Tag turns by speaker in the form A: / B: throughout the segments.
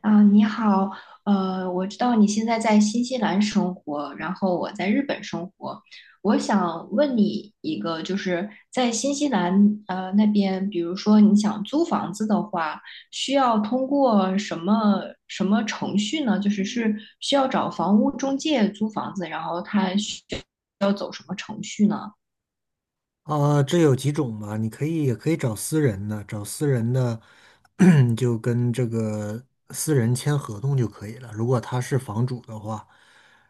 A: 啊，你好，我知道你现在在新西兰生活，然后我在日本生活。我想问你一个，就是在新西兰那边，比如说你想租房子的话，需要通过什么程序呢？就是需要找房屋中介租房子，然后他需要走什么程序呢？
B: 啊，这有几种吧？你也可以找私人的。 你就跟这个私人签合同就可以了。如果他是房主的话，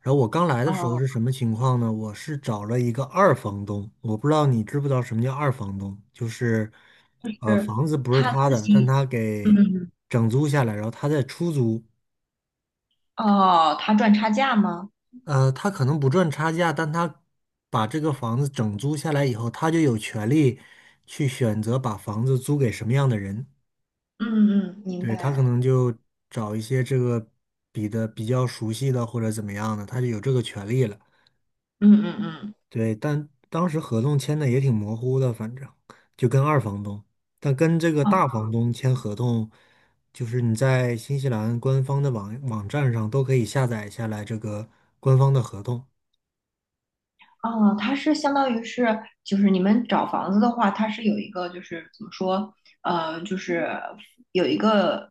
B: 然后我刚来的时候
A: 哦，
B: 是什么情况呢？我是找了一个二房东，我不知道你知不知道什么叫二房东，就是
A: 就是
B: 房子不是
A: 他
B: 他
A: 自
B: 的，但
A: 己，
B: 他
A: 嗯，
B: 给
A: 嗯。
B: 整租下来，然后他再出租。
A: 哦，他赚差价吗？
B: 他可能不赚差价，但他把这个房子整租下来以后，他就有权利去选择把房子租给什么样的人。
A: 嗯嗯，明
B: 对，他可
A: 白。
B: 能就找一些这个比较熟悉的或者怎么样的，他就有这个权利了。
A: 嗯嗯嗯。
B: 对，但当时合同签的也挺模糊的，反正就跟二房东，但跟这个大房东签合同，就是你在新西兰官方的网站上都可以下载下来这个官方的合同。
A: 哦，它是相当于是，就是你们找房子的话，它是有一个，就是怎么说，就是有一个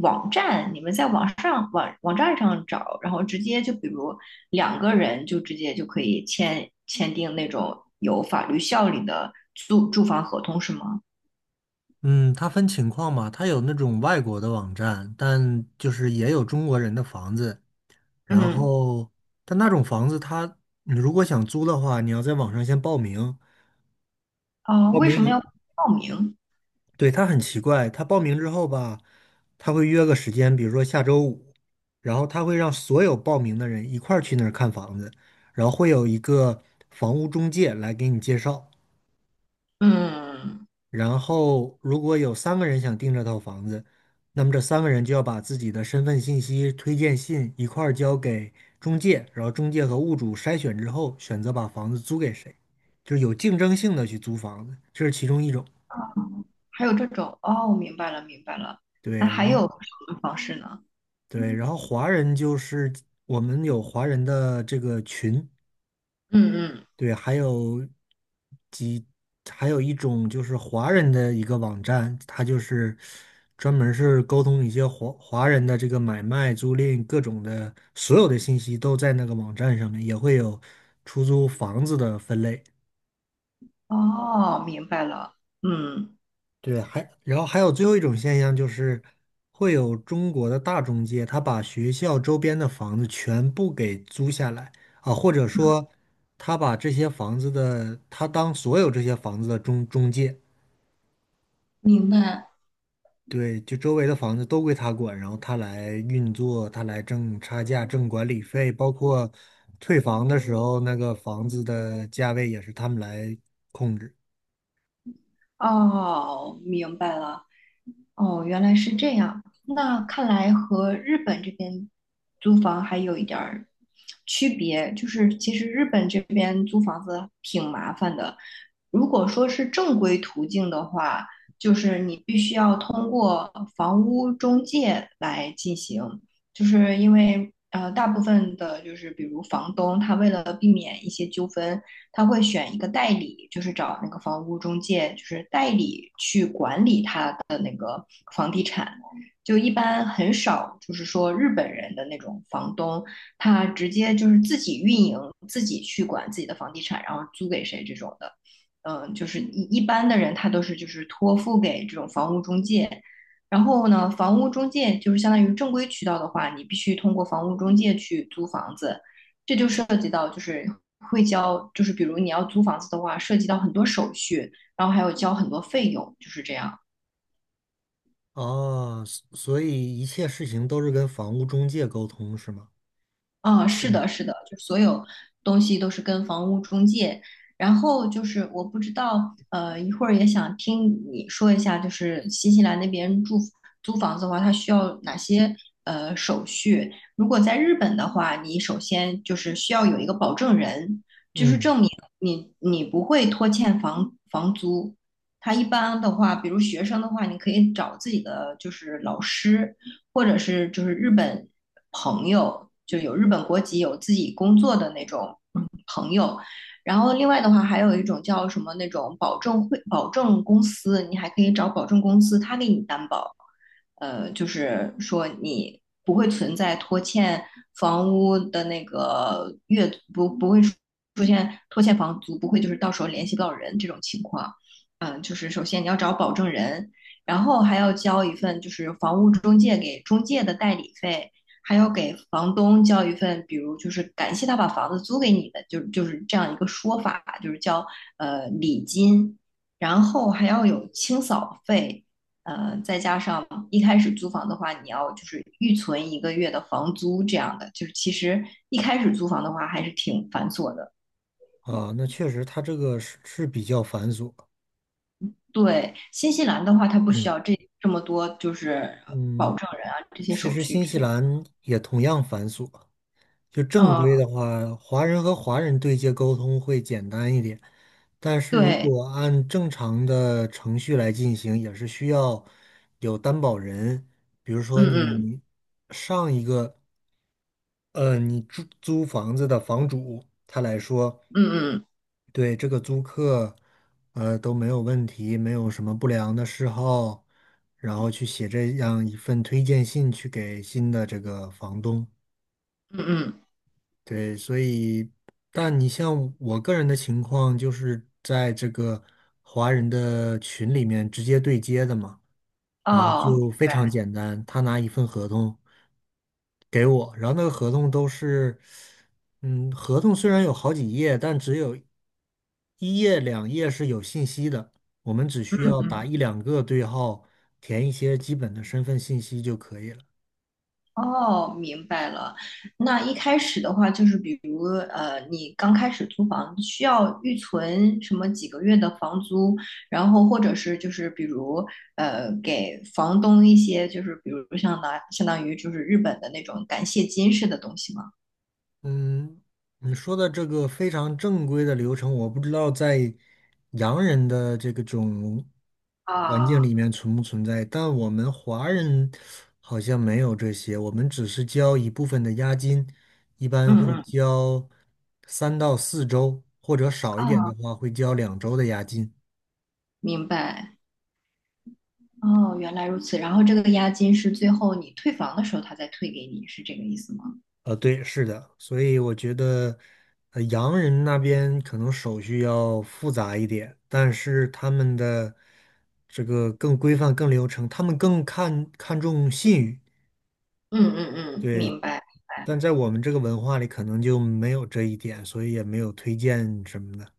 A: 网站，你们在网上网站上找，然后直接就比如两个人就直接就可以签订那种有法律效力的租住房合同，是吗？
B: 嗯，它分情况嘛，它有那种外国的网站，但就是也有中国人的房子。然
A: 嗯。
B: 后，但那种房子它，你如果想租的话，你要在网上先报名。
A: 哦，
B: 报
A: 为
B: 名
A: 什么
B: 一，
A: 要报名？
B: 对，它很奇怪，他报名之后吧，他会约个时间，比如说下周五，然后他会让所有报名的人一块儿去那儿看房子，然后会有一个房屋中介来给你介绍。
A: 嗯。
B: 然后如果有三个人想订这套房子，那么这三个人就要把自己的身份信息、推荐信一块儿交给中介，然后中介和物主筛选之后，选择把房子租给谁，就是有竞争性的去租房子，这是其中一种。
A: 还有这种，哦，明白了，明白了。那
B: 对，
A: 还
B: 然
A: 有
B: 后
A: 什么方式呢？
B: 对，然后华人就是我们有华人的这个群。
A: 嗯嗯。
B: 对，几，还有一种就是华人的一个网站，它就是专门儿是沟通一些华人的这个买卖、租赁，各种的所有的信息都在那个网站上面，也会有出租房子的分类。
A: 哦，明白了。嗯。
B: 对，然后还有最后一种现象就是会有中国的大中介，他把学校周边的房子全部给租下来啊，或者说他当所有这些房子的中介。
A: 明白。
B: 对，就周围的房子都归他管，然后他来运作，他来挣差价、挣管理费，包括退房的时候，那个房子的价位也是他们来控制。
A: 哦，明白了。哦，原来是这样。那看来和日本这边租房还有一点儿区别，就是其实日本这边租房子挺麻烦的。如果说是正规途径的话，就是你必须要通过房屋中介来进行。就是因为大部分的就是比如房东，他为了避免一些纠纷，他会选一个代理，就是找那个房屋中介，就是代理去管理他的那个房地产。就一般很少，就是说日本人的那种房东，他直接就是自己运营，自己去管自己的房地产，然后租给谁这种的。嗯，就是一般的人，他都是就是托付给这种房屋中介。然后呢，房屋中介就是相当于正规渠道的话，你必须通过房屋中介去租房子，这就涉及到就是会交，就是比如你要租房子的话，涉及到很多手续，然后还有交很多费用，就是这样。
B: 哦，所以一切事情都是跟房屋中介沟通，是吗？
A: 哦，是
B: 嗯
A: 的，是的，就所有东西都是跟房屋中介。然后就是我不知道，一会儿也想听你说一下，就是新西兰那边住租房子的话，它需要哪些手续？如果在日本的话，你首先就是需要有一个保证人，就是
B: 嗯。
A: 证明你不会拖欠房租他一般的话，比如学生的话，你可以找自己的就是老师。或者是就是日本朋友，就有日本国籍、有自己工作的那种朋友。然后另外的话，还有一种叫什么那种保证公司，你还可以找保证公司，他给你担保，就是说你不会存在拖欠房屋的那个月不会出现拖欠房租，不会就是到时候联系不到人这种情况。嗯，就是首先你要找保证人，然后还要交一份就是房屋中介给中介的代理费，还要给房东交一份，比如就是感谢他把房子租给你的，就是这样一个说法，就是交礼金，然后还要有清扫费，再加上一开始租房的话，你要就是预存1个月的房租这样的，就是其实一开始租房的话还是挺繁琐的。
B: 啊，那确实，他这个是比较繁琐。
A: 对，新西兰的话，它不需
B: 嗯
A: 要这么多就是
B: 嗯，
A: 保证人啊这些
B: 其
A: 手
B: 实
A: 续
B: 新
A: 之
B: 西
A: 类的。
B: 兰也同样繁琐。就正
A: 嗯，
B: 规的话，华人和华人对接沟通会简单一点，但是如
A: 对，
B: 果按正常的程序来进行，也是需要有担保人，比如
A: 嗯
B: 说
A: 嗯
B: 你上一个，你租房子的房主，他来说，
A: 嗯嗯
B: 对这个租客，都没有问题，没有什么不良的嗜好，然后去写这样一份推荐信去给新的这个房东。
A: 嗯嗯，
B: 对，所以，但你像我个人的情况，就是在这个华人的群里面直接对接的嘛，然后
A: 哦，
B: 就非常简单，他拿一份合同给我，然后那个合同都是，合同虽然有好几页，但只有一页两页是有信息的，我们只
A: 嗯
B: 需要打
A: 嗯。
B: 一两个对号，填一些基本的身份信息就可以了。
A: 哦，明白了。那一开始的话，就是比如你刚开始租房需要预存什么几个月的房租，然后或者是就是比如给房东一些就是比如相当于就是日本的那种感谢金似的东西吗？
B: 嗯，你说的这个非常正规的流程，我不知道在洋人的这个种环境
A: 啊，
B: 里面存不存在，但我们华人好像没有这些，我们只是交一部分的押金，一般
A: 嗯
B: 会
A: 嗯，
B: 交三到四周，或者少一点
A: 啊，
B: 的话会交两周的押金。
A: 明白。哦，原来如此。然后这个押金是最后你退房的时候他再退给你，是这个意思吗？
B: 对，是的，所以我觉得，洋人那边可能手续要复杂一点，但是他们的这个更规范、更流程，他们更看重信誉，
A: 嗯嗯嗯，
B: 对。
A: 明白。
B: 但在我们这个文化里，可能就没有这一点，所以也没有推荐什么的。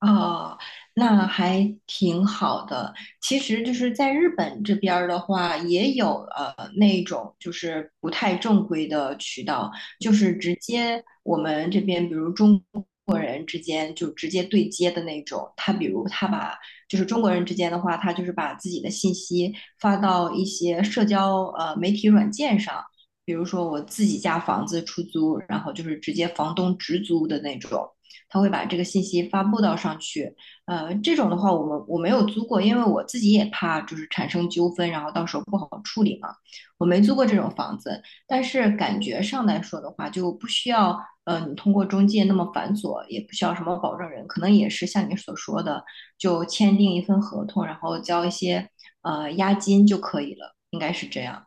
A: 哦，那还挺好的。其实就是在日本这边儿的话，也有那种就是不太正规的渠道，就是直接我们这边，比如中国人之间就直接对接的那种。他比如他把就是中国人之间的话，他就是把自己的信息发到一些社交媒体软件上，比如说我自己家房子出租，然后就是直接房东直租的那种。他会把这个信息发布到上去。这种的话，我没有租过，因为我自己也怕就是产生纠纷，然后到时候不好处理嘛。我没租过这种房子，但是感觉上来说的话，就不需要你通过中介那么繁琐，也不需要什么保证人，可能也是像你所说的，就签订一份合同，然后交一些押金就可以了，应该是这样。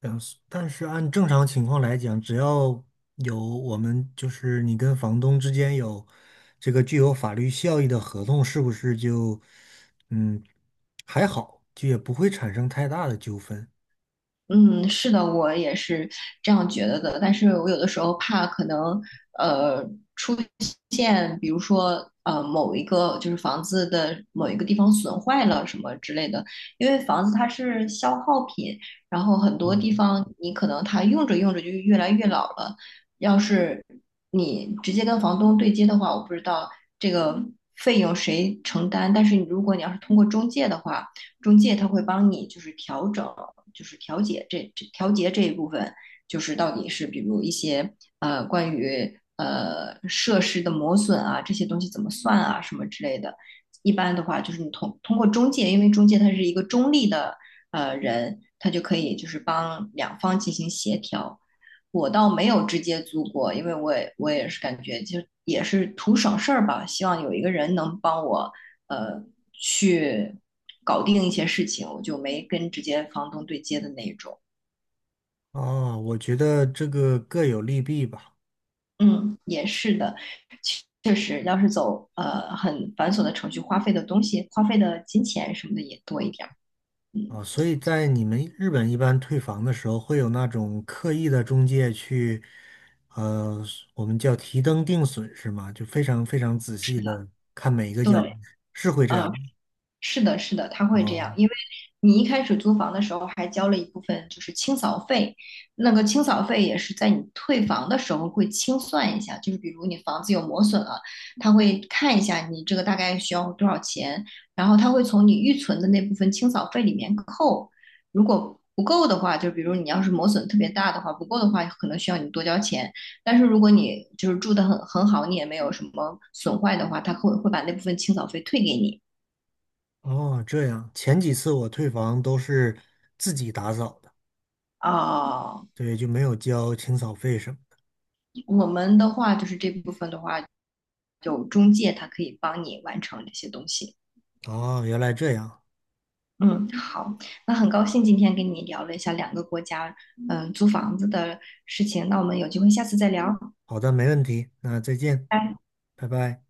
B: 但是按正常情况来讲，只要有我们就是你跟房东之间有这个具有法律效益的合同，是不是就嗯还好，就也不会产生太大的纠纷
A: 嗯，是的，我也是这样觉得的。但是我有的时候怕可能，呃，出现比如说某一个就是房子的某一个地方损坏了什么之类的，因为房子它是消耗品，然后很多
B: 嗯。
A: 地方你可能它用着用着就越来越老了。要是你直接跟房东对接的话，我不知道这个费用谁承担。但是如果你要是通过中介的话，中介他会帮你就是调整。就是调节这一部分，就是到底是比如一些关于设施的磨损啊这些东西怎么算啊什么之类的。一般的话，就是你通过中介，因为中介他是一个中立的人，他就可以就是帮两方进行协调。我倒没有直接租过，因为我也是感觉就也是图省事儿吧，希望有一个人能帮我呃去搞定一些事情，我就没跟直接房东对接的那种。
B: 啊？我觉得这个各有利弊吧。
A: 嗯，也是的，确实，要是走很繁琐的程序，花费的东西、花费的金钱什么的也多一点儿。嗯，
B: 啊，所以在你们日本一般退房的时候，会有那种刻意的中介去，呃，我们叫提灯定损是吗？就非常非常仔细的看每一个角落，
A: 对，
B: 是会这
A: 嗯、
B: 样。
A: 是的，是的，他会这样，
B: 哦
A: 因为你一开始租房的时候还交了一部分就是清扫费，那个清扫费也是在你退房的时候会清算一下，就是比如你房子有磨损了，他会看一下你这个大概需要多少钱，然后他会从你预存的那部分清扫费里面扣，如果不够的话，就比如你要是磨损特别大的话，不够的话可能需要你多交钱，但是如果你就是住得很好，你也没有什么损坏的话，会把那部分清扫费退给你。
B: 哦，这样。前几次我退房都是自己打扫的，
A: 哦，
B: 对，就没有交清扫费什么的。
A: 我们的话就是这部分的话，有中介，他可以帮你完成这些东西。
B: 哦，原来这样。
A: 嗯，好，那很高兴今天跟你聊了一下两个国家，嗯，租房子的事情。那我们有机会下次再聊，
B: 好的，没问题。那再见，
A: 拜拜。
B: 拜拜。